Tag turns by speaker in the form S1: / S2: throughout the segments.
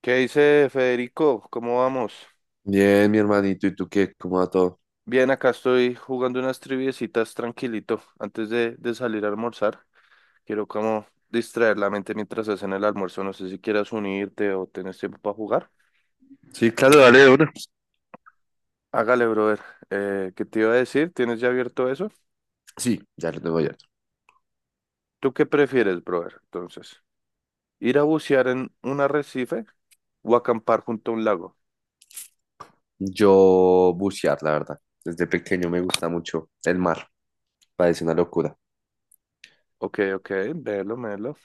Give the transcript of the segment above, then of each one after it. S1: ¿Qué dice Federico? ¿Cómo vamos?
S2: Bien, mi hermanito, ¿y tú qué? ¿Cómo va todo?
S1: Bien, acá estoy jugando unas triviecitas tranquilito antes de salir a almorzar. Quiero como distraer la mente mientras hacen el almuerzo. No sé si quieras unirte o tenés tiempo para jugar.
S2: Sí, claro, dale de una.
S1: Hágale, brother. ¿Qué te iba a decir? ¿Tienes ya abierto eso?
S2: Sí, ya lo tengo ya.
S1: ¿Tú qué prefieres, brother? Entonces, ¿ir a bucear en un arrecife o acampar junto a un lago?
S2: Yo bucear, la verdad. Desde pequeño me gusta mucho el mar. Parece una locura.
S1: Ok, ok, velo, velo.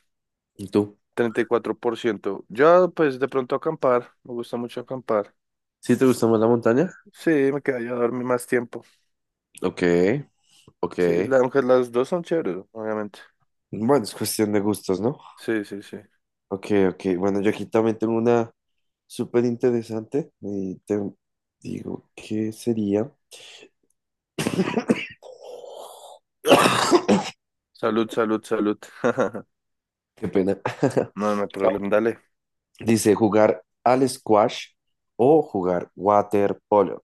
S2: ¿Y tú?
S1: 34%. Yo, pues, de pronto acampar. Me gusta mucho acampar.
S2: ¿Sí te gusta más la montaña?
S1: Sí, me quedaría a dormir más tiempo.
S2: Ok, ok.
S1: Sí, aunque las dos son chéveres, obviamente.
S2: Bueno, es cuestión de gustos, ¿no?
S1: Sí, sí, sí.
S2: Ok, ok. Bueno, yo aquí también tengo una súper interesante. Y te digo, ¿qué sería?
S1: Salud, salud, salud.
S2: Qué pena.
S1: No, no hay
S2: A
S1: problema, dale.
S2: Dice jugar al squash o jugar waterpolo.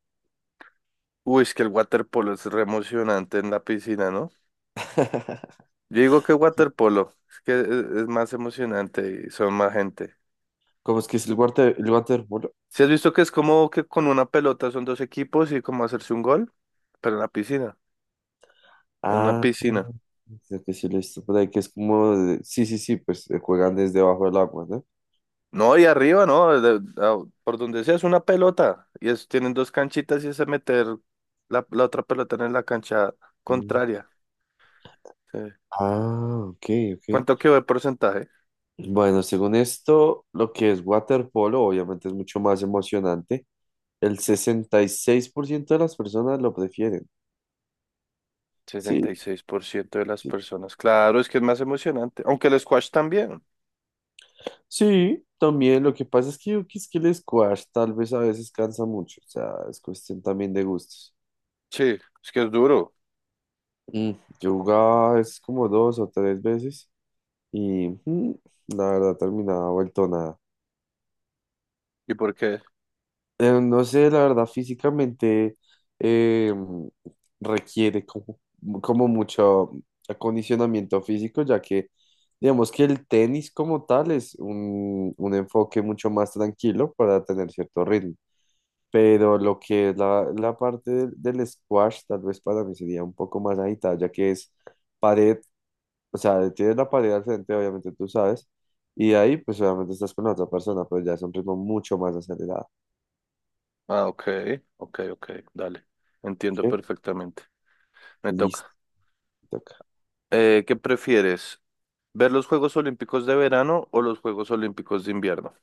S1: Uy, es que el waterpolo es re emocionante en la piscina, ¿no? Yo digo que waterpolo, es que es más emocionante y son más gente.
S2: ¿Cómo es que es el water, el waterpolo?
S1: ¿Si has visto que es como que con una pelota son dos equipos y como hacerse un gol? Pero en la piscina, en una
S2: Ah,
S1: piscina.
S2: creo que sí lo he visto por ahí, que es como, sí, sí, sí, pues juegan desde bajo del agua, ¿no?
S1: No, y arriba, ¿no? A- por donde sea es una pelota. Y es, tienen dos canchitas y es meter la otra pelota en la cancha
S2: Mm.
S1: contraria. Sí.
S2: Ah, ok, ok.
S1: ¿Cuánto quedó de porcentaje?
S2: Bueno, según esto, lo que es waterpolo obviamente es mucho más emocionante. El 66% de las personas lo prefieren. Sí,
S1: 66% de las
S2: sí,
S1: personas. Claro, es que es más emocionante. Aunque el squash también.
S2: sí, también lo que pasa es que yo quis que el squash tal vez a veces cansa mucho, o sea, es cuestión también de gustos.
S1: Sí, es que es duro.
S2: Mm, yo jugaba es como dos o tres veces y la verdad terminaba vuelto nada.
S1: ¿Y por qué?
S2: No sé, la verdad físicamente eh, requiere como mucho acondicionamiento físico, ya que digamos que el tenis como tal es un enfoque mucho más tranquilo para tener cierto ritmo. Pero lo que es la parte del squash, tal vez para mí sería un poco más agitada, ya que es pared, o sea, tienes la pared al frente, obviamente tú sabes, y ahí pues obviamente estás con la otra persona, pero ya es un ritmo mucho más acelerado.
S1: Ah, ok, ok, ok, dale. Entiendo
S2: ¿Ok?
S1: perfectamente. Me
S2: Listo,
S1: toca.
S2: te toca.
S1: ¿Qué prefieres? ¿Ver los Juegos Olímpicos de verano o los Juegos Olímpicos de invierno?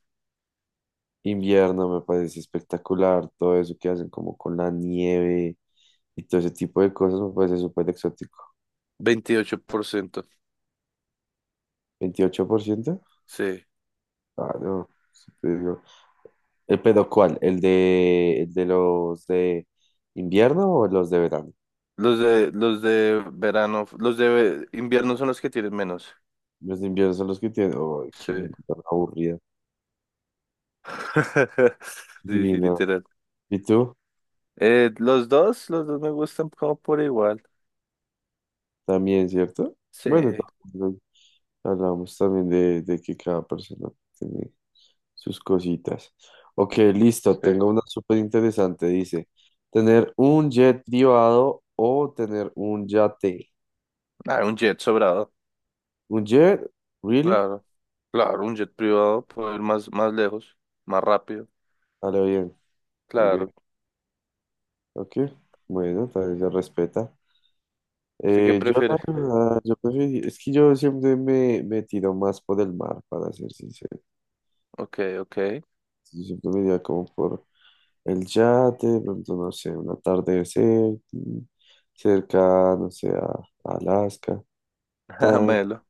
S2: Invierno me parece espectacular, todo eso que hacen como con la nieve y todo ese tipo de cosas me parece súper exótico.
S1: 28%.
S2: ¿28%?
S1: Sí.
S2: Ah, no, ¿el pedo cuál? ¿El de los de invierno o los de verano?
S1: Los de verano, los de invierno son los que tienen menos.
S2: Los de invierno son los que tienen. ¡Ay, qué
S1: Sí.
S2: gente tan aburrida!
S1: Sí,
S2: Sí,
S1: sí,
S2: no.
S1: literal.
S2: ¿Y tú?
S1: Los dos me gustan como por igual.
S2: También, ¿cierto? Bueno,
S1: Sí,
S2: también hablamos también de que cada persona tiene sus cositas. Ok, listo.
S1: sí.
S2: Tengo una súper interesante. Dice: ¿tener un jet privado o tener un yate?
S1: Ah, un jet sobrado.
S2: ¿Un jet? ¿Really?
S1: Claro, claro, un jet privado puede ir más lejos, más rápido.
S2: A lo bien. Ok,
S1: Claro.
S2: ok. Bueno, también se respeta.
S1: ¿Usted qué
S2: Yo, la
S1: prefiere?
S2: verdad, es que yo siempre me tiro más por el mar, para ser sincero.
S1: Ok, ok.
S2: Yo siempre me iría como por el yate, de pronto, no sé, un atardecer cerca, no sé, a Alaska,
S1: Ah,
S2: tan,
S1: Melo.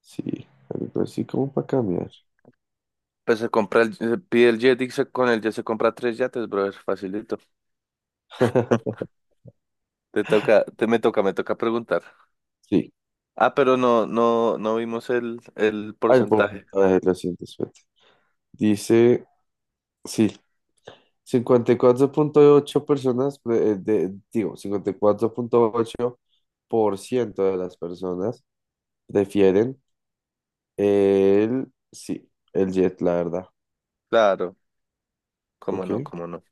S2: sí, algo así como para cambiar.
S1: Pues se compra se pide el jet y con el jet se compra tres yates, brother. Facilito. Te toca, me toca preguntar.
S2: Sí,
S1: Ah, pero no vimos el
S2: al
S1: porcentaje.
S2: porcentaje lo siento, suerte. Dice, sí, 54.8 personas, digo, 54.8% de las personas prefieren sí, el jet, la verdad.
S1: Claro, cómo
S2: Ok,
S1: no, cómo no.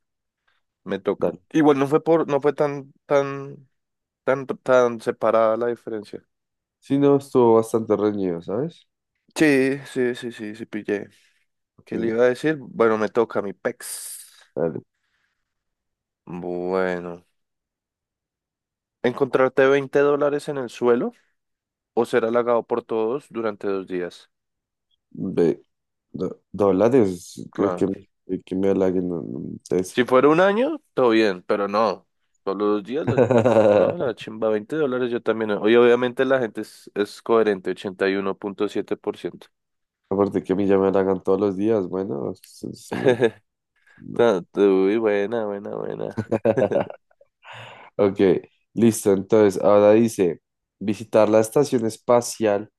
S1: Me toca.
S2: dale.
S1: Igual no fue no fue tan separada la diferencia.
S2: Sí, no, estuvo bastante reñido, ¿sabes?
S1: Sí, sí, sí, sí, sí, pillé. ¿Qué le
S2: Ok,
S1: iba a decir? Bueno, me toca mi pex.
S2: dale.
S1: Bueno. ¿Encontrarte $20 en el suelo o ser halagado por todos durante 2 días?
S2: Ve, dólares, que
S1: Claro.
S2: me de que me halaguen no, no, entonces.
S1: Si fuera un año, todo bien, pero no. Solo 2 días, no, la chimba, $20 yo también. No. Oye, obviamente la gente es coherente, 81.7%.
S2: Aparte que a mí ya me halagan todos los días, bueno, no, no.
S1: Ta- Uy, buena, buena, buena.
S2: Ok, listo, entonces, ahora dice, visitar la Estación Espacial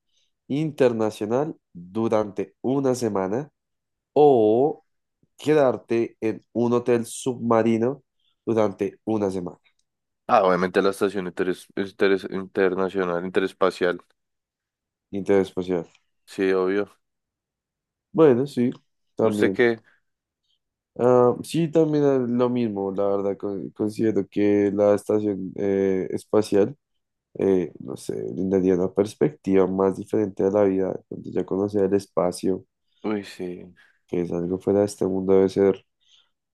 S2: Internacional durante una semana o quedarte en un hotel submarino durante una semana.
S1: Ah, obviamente la estación internacional, interespacial.
S2: Interespacial.
S1: Sí, obvio.
S2: Bueno, sí,
S1: ¿Usted
S2: también.
S1: qué?
S2: Ah, sí, también es lo mismo, la verdad, considero que la estación espacial, no sé, brindaría una perspectiva más diferente de la vida, donde ya conocer el espacio,
S1: Uy, sí.
S2: que es algo fuera de este mundo, debe ser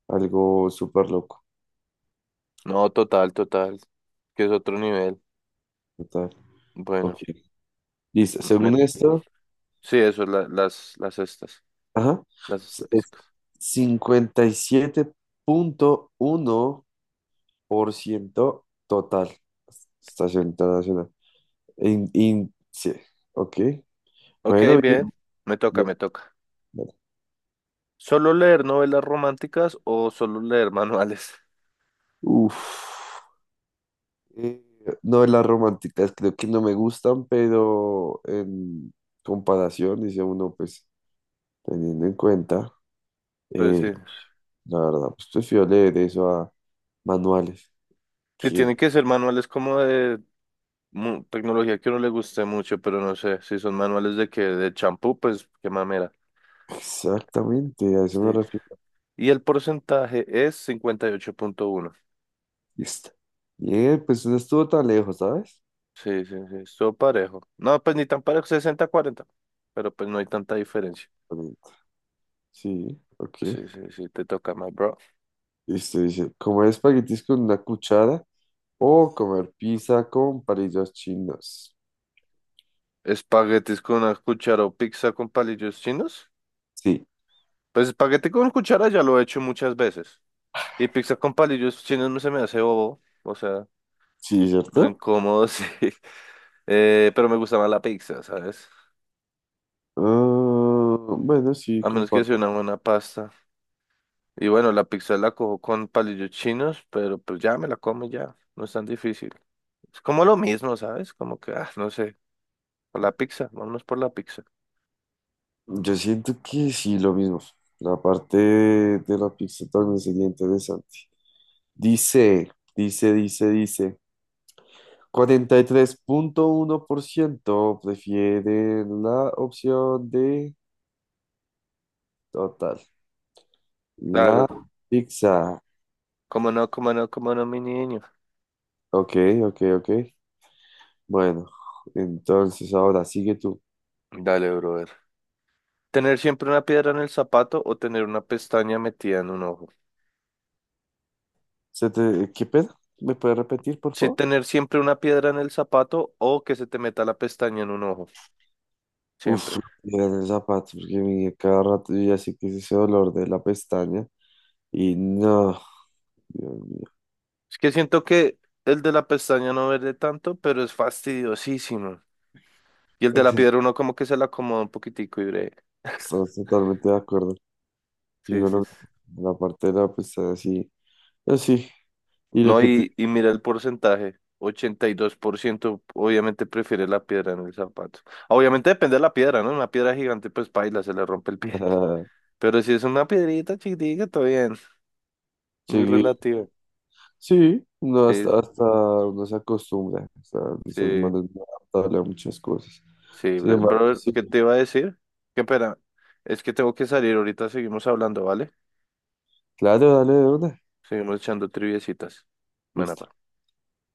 S2: algo súper loco.
S1: No, total, total. Que es otro nivel.
S2: Total.
S1: Bueno,
S2: Ok. Listo.
S1: me-
S2: Según esto,
S1: sí, eso, las estas,
S2: ajá.
S1: las
S2: Es
S1: estadísticas.
S2: 57.1% total. Estación internacional. Sí. Ok.
S1: Ok,
S2: Bueno, bien,
S1: bien. Me toca,
S2: bien,
S1: me toca.
S2: bien.
S1: ¿Solo leer novelas románticas o solo leer manuales?
S2: Uf. Eh, no, las románticas creo que no me gustan, pero en comparación, dice uno, pues teniendo en cuenta,
S1: Pues
S2: eh,
S1: sí,
S2: la verdad, pues prefiero leer eso a manuales.
S1: sí
S2: Que
S1: tienen que ser manuales como de tecnología que a uno le guste mucho, pero no sé, si son manuales de que de champú, pues qué mamera.
S2: exactamente, a eso me
S1: Sí.
S2: refiero.
S1: Y el porcentaje es 58,1.
S2: Listo. Bien, pues no estuvo tan lejos, ¿sabes?
S1: Sí, sí, sí, estuvo parejo. No, pues ni tan parejo, 60-40, pero pues no hay tanta diferencia.
S2: Pero- Sí, ok.
S1: Sí, sí, sí, te toca más, bro.
S2: Listo, dice, comer espaguetis con una cuchara o comer pizza con palillos chinos.
S1: Espaguetis con una cuchara o pizza con palillos chinos.
S2: Sí,
S1: Pues espagueti con cuchara ya lo he hecho muchas veces. Y pizza con palillos chinos no se me hace bobo, o sea,
S2: sí,
S1: re
S2: ¿cierto?
S1: incómodo, sí. Pero me gusta más la pizza, ¿sabes?
S2: Ah, bueno, sí,
S1: A menos que sea
S2: comparto.
S1: una buena pasta. Y bueno, la pizza la cojo con palillos chinos, pero pues ya me la como y ya, no es tan difícil. Es como lo mismo, ¿sabes? Como que, ah, no sé, vámonos por la pizza.
S2: Yo siento que sí, lo mismo. La parte de la pizza también sería interesante. Dice. 43.1% prefieren la opción de. Total. La
S1: Claro,
S2: pizza.
S1: cómo no, cómo no, cómo no, mi niño.
S2: Ok, ok, ok. Bueno, entonces ahora sigue tú.
S1: Dale, brother. ¿Tener siempre una piedra en el zapato o tener una pestaña metida en un ojo?
S2: ¿Qué pedo? ¿Me puedes repetir, por
S1: Sí,
S2: favor?
S1: tener siempre una piedra en el zapato o que se te meta la pestaña en un ojo,
S2: Uf,
S1: siempre.
S2: era en el zapato, porque mi cada rato yo ya sé que es ese dolor de la pestaña. Y no, Dios mío.
S1: Es que siento que el de la pestaña no verde tanto, pero es fastidiosísimo. Y el de la piedra uno como que se la acomoda un poquitico y breve.
S2: Estamos totalmente de acuerdo. Y
S1: Sí, sí,
S2: bueno,
S1: sí.
S2: la parte de la pestaña, sí. Así. Y lo
S1: No,
S2: que tú.
S1: y mira el porcentaje. 82% obviamente prefiere la piedra en el zapato. Obviamente depende de la piedra, ¿no? Una piedra gigante, pues paila, se le rompe el pie. Pero si es una piedrita chiquitica, todo bien. Muy
S2: Llegué
S1: relativo.
S2: Sí, no,
S1: Sí,
S2: hasta,
S1: sí,
S2: hasta uno se acostumbra, o sea, se
S1: sí.
S2: manda a muchas cosas.
S1: Sí,
S2: Sin embargo,
S1: brother,
S2: sí,
S1: ¿qué te iba a decir? Qué pena, es que tengo que salir, ahorita seguimos hablando, ¿vale?
S2: claro, dale de una.
S1: Seguimos echando triviecitas. Buena
S2: Listo.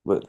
S2: Bueno,